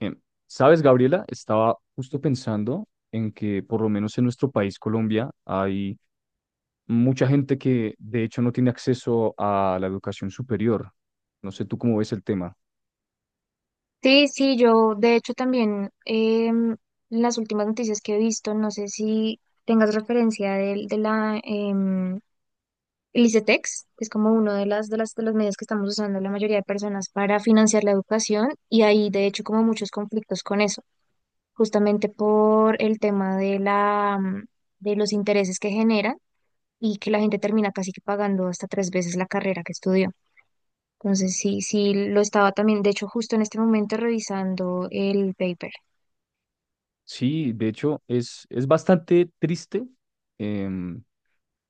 Em, ¿Sabes, Gabriela? Estaba justo pensando en que por lo menos en nuestro país, Colombia, hay mucha gente que de hecho no tiene acceso a la educación superior. No sé tú cómo ves el tema. Sí, sí, yo de hecho también las últimas noticias que he visto, no sé si tengas referencia la el que es como uno de las de las de los medios que estamos usando la mayoría de personas para financiar la educación y hay de hecho como muchos conflictos con eso, justamente por el tema de de los intereses que generan y que la gente termina casi que pagando hasta tres veces la carrera que estudió. Entonces sí, sí lo estaba también, de hecho justo en este momento revisando el paper. Sí, de hecho es bastante triste em,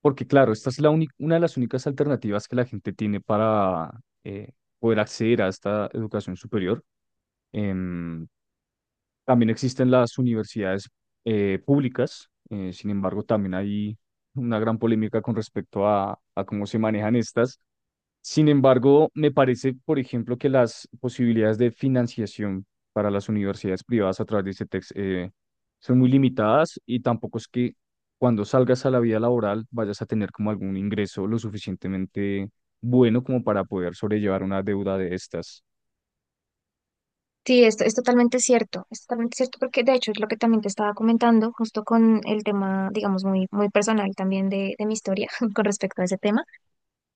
porque claro, esta es una de las únicas alternativas que la gente tiene para eh, poder acceder a esta educación superior. Em, También existen las universidades públicas, sin embargo, también hay una gran polémica con respecto a cómo se manejan estas. Sin embargo, me parece, por ejemplo, que las posibilidades de financiación para las universidades privadas a través de CETEX son muy limitadas y tampoco es que cuando salgas a la vida laboral vayas a tener como algún ingreso lo suficientemente bueno como para poder sobrellevar una deuda de estas. Sí, esto es totalmente cierto porque de hecho es lo que también te estaba comentando justo con el tema, digamos, muy, muy personal también de mi historia con respecto a ese tema.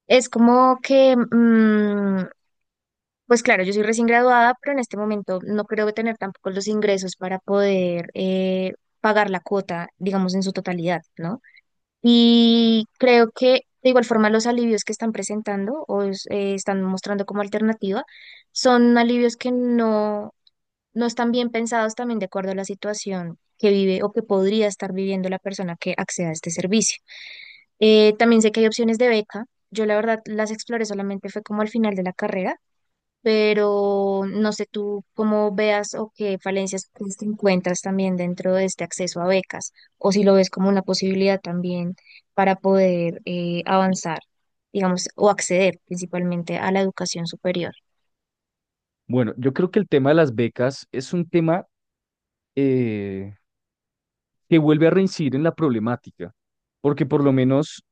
Es como que, pues claro, yo soy recién graduada, pero en este momento no creo que tener tampoco los ingresos para poder pagar la cuota, digamos, en su totalidad, ¿no? Y creo que de igual forma los alivios que están presentando o están mostrando como alternativa son alivios que no están bien pensados también de acuerdo a la situación que vive o que podría estar viviendo la persona que acceda a este servicio. También sé que hay opciones de beca. Yo la verdad las exploré solamente fue como al final de la carrera, pero no sé tú cómo veas o qué falencias crees que encuentras también dentro de este acceso a becas o si lo ves como una posibilidad también para poder avanzar, digamos, o acceder principalmente a la educación superior. Bueno, yo creo que el tema de las becas es un tema... eh, que vuelve a reincidir en la problemática, porque por lo menos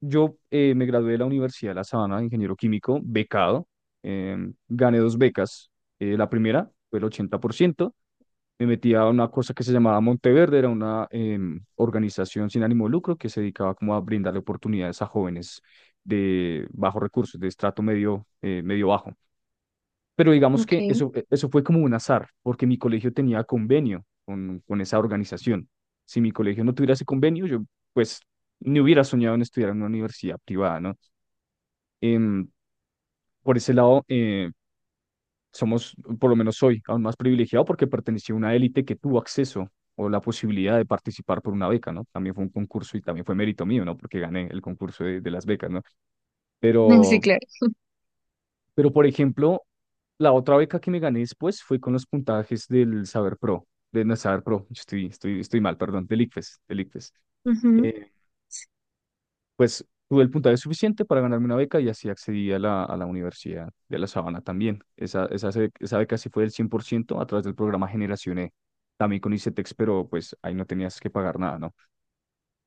yo me gradué de la Universidad de La Sabana de ingeniero químico, becado, eh, gané dos becas, la primera fue el 80%. Me metí a una cosa que se llamaba Monteverde, era una organización sin ánimo de lucro que se dedicaba como a brindarle oportunidades a jóvenes de bajos recursos, de estrato medio, medio bajo. Pero digamos Ok, que eso, eso fue como un azar, porque mi colegio tenía convenio con esa organización. Si mi colegio no tuviera ese convenio, yo pues ni hubiera soñado en estudiar en una universidad privada, ¿no? Em, por ese lado, somos, por lo menos soy, aún más privilegiado porque pertenecí a una élite que tuvo acceso o la posibilidad de participar por una beca, ¿no? También fue un concurso y también fue mérito mío, ¿no? Porque gané el concurso de las becas, ¿no? sí, Pero, claro. Pero, por ejemplo, la otra beca que me gané después fue con los puntajes del Saber Pro, de no, Saber Pro, yo estoy mal, perdón, del ICFES. Ujú, Eh, pues tuve el puntaje suficiente para ganarme una beca y así accedí a a la Universidad de La Sabana también. Esa beca sí fue del 100% a través del programa Generación E, también con ICETEX, pero pues ahí no tenías que pagar nada, ¿no?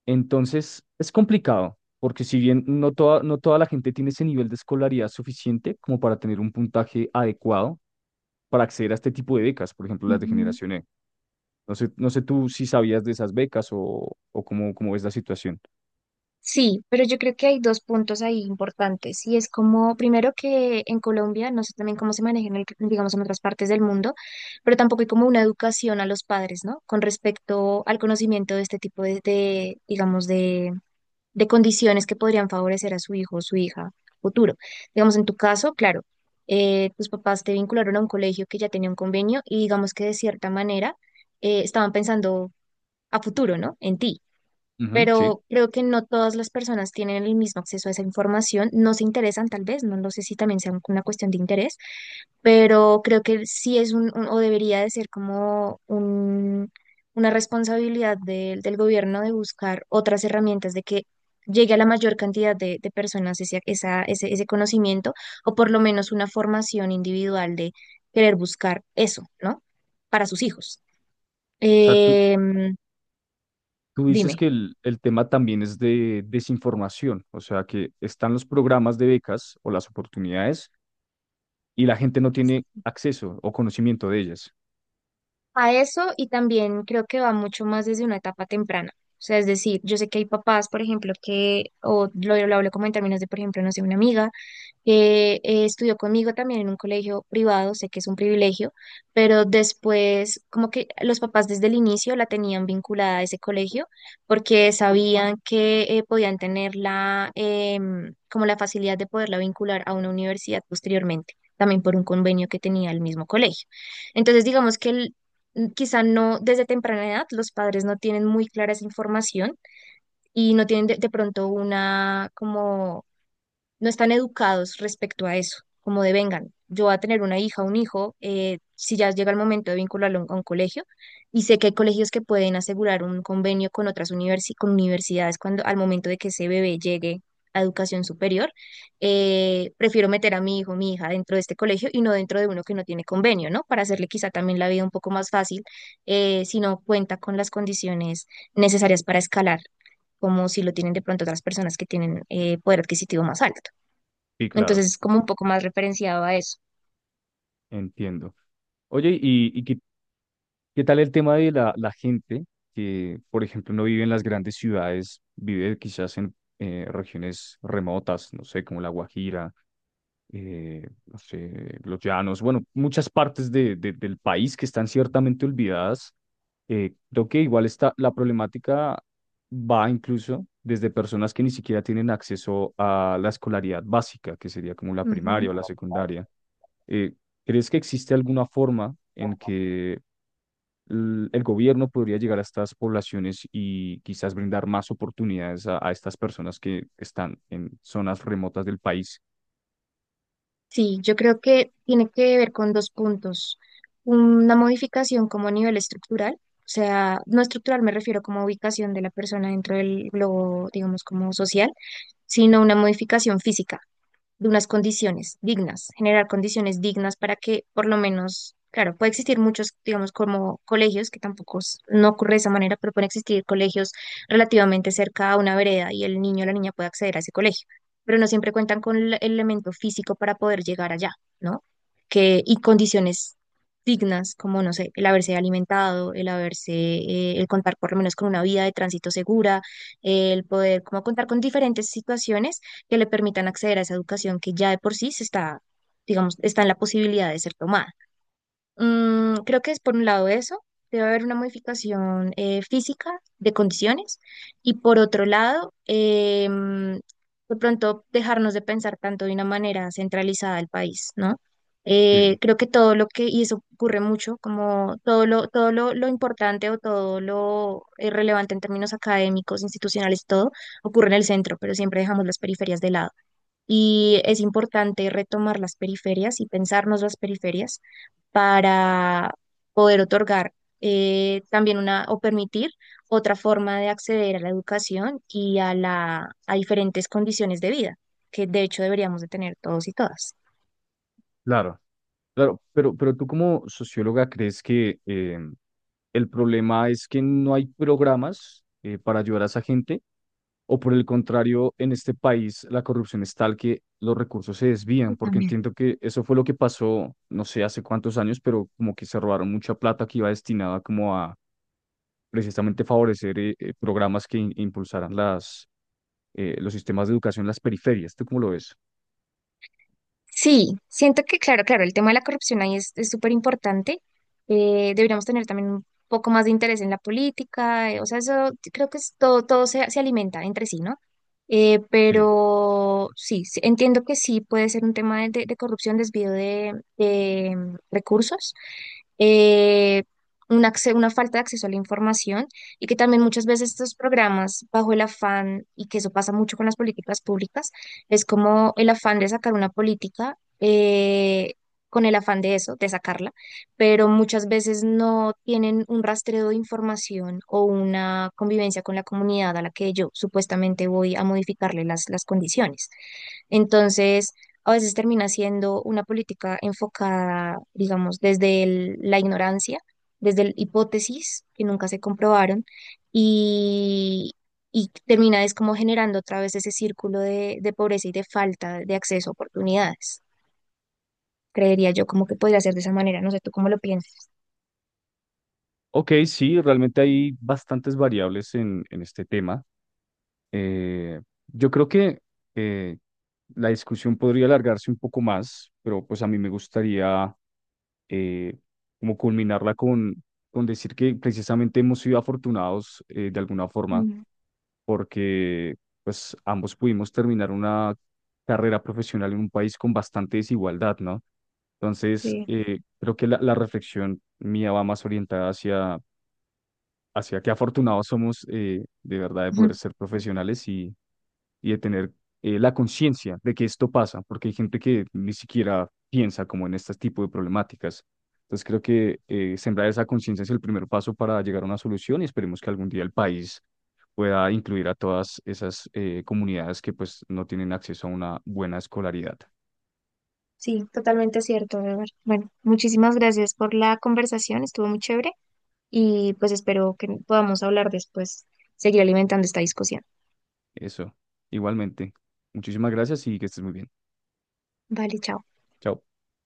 Entonces, es complicado. Porque si bien no toda la gente tiene ese nivel de escolaridad suficiente como para tener un puntaje adecuado para acceder a este tipo de becas, por ejemplo, las de ujú. Generación E. No sé tú si sabías de esas becas o cómo, cómo ves la situación. Sí, pero yo creo que hay dos puntos ahí importantes y es como, primero que en Colombia, no sé también cómo se maneja digamos, en otras partes del mundo, pero tampoco hay como una educación a los padres, ¿no? Con respecto al conocimiento de este tipo de, digamos, de condiciones que podrían favorecer a su hijo o su hija futuro. Digamos, en tu caso, claro, tus papás te vincularon a un colegio que ya tenía un convenio y digamos que de cierta manera estaban pensando a futuro, ¿no? En ti. Ujú, sí. Pero creo que no todas las personas tienen el mismo acceso a esa información, no se interesan tal vez, no lo sé si también sea una cuestión de interés, pero creo que sí es o debería de ser como un, una responsabilidad del gobierno de buscar otras herramientas de que llegue a la mayor cantidad de personas ese conocimiento o por lo menos una formación individual de querer buscar eso, ¿no? Para sus hijos. O sea, Em, tú dices dime. que el tema también es de desinformación, o sea, que están los programas de becas o las oportunidades y la gente no tiene acceso o conocimiento de ellas. A eso, y también creo que va mucho más desde una etapa temprana. O sea, es decir, yo sé que hay papás, por ejemplo, que, lo hablo como en términos de, por ejemplo, no sé, una amiga que estudió conmigo también en un colegio privado, sé que es un privilegio, pero después como que los papás desde el inicio la tenían vinculada a ese colegio porque sabían que podían tener como la facilidad de poderla vincular a una universidad posteriormente, también por un convenio que tenía el mismo colegio. Entonces, digamos que quizá no desde temprana edad, los padres no tienen muy clara esa información y no tienen de pronto una como no están educados respecto a eso, como de vengan, yo voy a tener una hija, un hijo, si ya llega el momento de vincularlo a a un colegio, y sé que hay colegios que pueden asegurar un convenio con con universidades cuando al momento de que ese bebé llegue a educación superior, prefiero meter a mi hijo, mi hija dentro de este colegio y no dentro de uno que no tiene convenio, ¿no? Para hacerle quizá también la vida un poco más fácil, si no cuenta con las condiciones necesarias para escalar, como si lo tienen de pronto otras personas que tienen poder adquisitivo más alto. Sí, claro, Entonces es como un poco más referenciado a eso. entiendo. Oye, ¿Qué tal el tema de la gente que, por ejemplo, no vive en las grandes ciudades, vive quizás en regiones remotas, no sé, como La Guajira, no sé, Los Llanos, bueno, muchas partes del país que están ciertamente olvidadas? Creo que igual está, la problemática va incluso desde personas que ni siquiera tienen acceso a la escolaridad básica, que sería como la primaria Ujú. o la secundaria. Eh, ¿Crees que existe alguna forma en que el gobierno podría llegar a estas poblaciones y quizás brindar más oportunidades a estas personas que están en zonas remotas del país? Sí, yo creo que tiene que ver con dos puntos. Una modificación como a nivel estructural, o sea, no estructural me refiero como a ubicación de la persona dentro del globo, digamos, como social, sino una modificación física de unas condiciones dignas, generar condiciones dignas para que por lo menos, claro, puede existir muchos, digamos, como colegios, que tampoco es- no ocurre de esa manera, pero pueden existir colegios relativamente cerca a una vereda y el niño o la niña puede acceder a ese colegio, pero no siempre cuentan con el elemento físico para poder llegar allá, ¿no? Que, y condiciones dignas, como, no sé, el haberse alimentado, el haberse, el contar por lo menos con una vía de tránsito segura, el poder como contar con diferentes situaciones que le permitan acceder a esa educación que ya de por sí se está, digamos, está en la posibilidad de ser tomada. Mm, creo que es por un lado eso, debe haber una modificación física de condiciones y por otro lado, de pronto dejarnos de pensar tanto de una manera centralizada el país, ¿no? Sí, Creo que todo lo que, y eso ocurre mucho, como todo lo importante o todo lo relevante en términos académicos, institucionales, todo ocurre en el centro, pero siempre dejamos las periferias de lado. Y es importante retomar las periferias y pensarnos las periferias para poder otorgar también una o permitir otra forma de acceder a la educación y a a diferentes condiciones de vida, que de hecho deberíamos de tener todos y todas. claro. Claro, pero tú como socióloga crees que el problema es que no hay programas para ayudar a esa gente, o por el contrario, en este país la corrupción es tal que los recursos se desvían, Yo porque también. entiendo que eso fue lo que pasó, no sé hace cuántos años, pero como que se robaron mucha plata que iba destinada como a precisamente favorecer programas que impulsaran los sistemas de educación en las periferias. ¿Tú cómo lo ves? Sí, siento que, claro, claro, el tema de la corrupción ahí es súper importante. Deberíamos tener también un poco más de interés en la política, o sea, eso creo que es todo, todo se alimenta entre sí, ¿no? Sí. Pero sí, sí, entiendo que sí puede ser un tema de corrupción, desvío de recursos, eh, una, una falta de acceso a la información y que también muchas veces estos programas bajo el afán, y que eso pasa mucho con las políticas públicas, es como el afán de sacar una política, con el afán de eso, de sacarla, pero muchas veces no tienen un rastreo de información o una convivencia con la comunidad a la que yo supuestamente voy a modificarle las condiciones. Entonces, a veces termina siendo una política enfocada, digamos, desde la ignorancia, desde hipótesis que nunca se comprobaron y termina es como generando otra vez ese círculo de pobreza y de falta de acceso a oportunidades. Creería yo como que podría ser de esa manera, no sé tú cómo lo piensas. Ok, sí, realmente hay bastantes variables en este tema. Eh, yo creo que eh, la discusión podría alargarse un poco más, pero pues a mí me gustaría eh, como culminarla con decir que precisamente hemos sido afortunados de alguna forma Mm. porque pues ambos pudimos terminar una carrera profesional en un país con bastante desigualdad, ¿no? Entonces, Sí. Creo que la reflexión mía va más orientada hacia qué afortunados somos de verdad, de poder Ujú. ser profesionales y de tener la conciencia de que esto pasa, porque hay gente que ni siquiera piensa como en este tipo de problemáticas. Entonces creo que sembrar esa conciencia es el primer paso para llegar a una solución y esperemos que algún día el país pueda incluir a todas esas comunidades que pues no tienen acceso a una buena escolaridad. Sí, totalmente cierto, Edward. Bueno, muchísimas gracias por la conversación, estuvo muy chévere y pues espero que podamos hablar después, seguir alimentando esta discusión. Eso, igualmente. Muchísimas gracias y que estés muy bien. Vale, chao. Chao.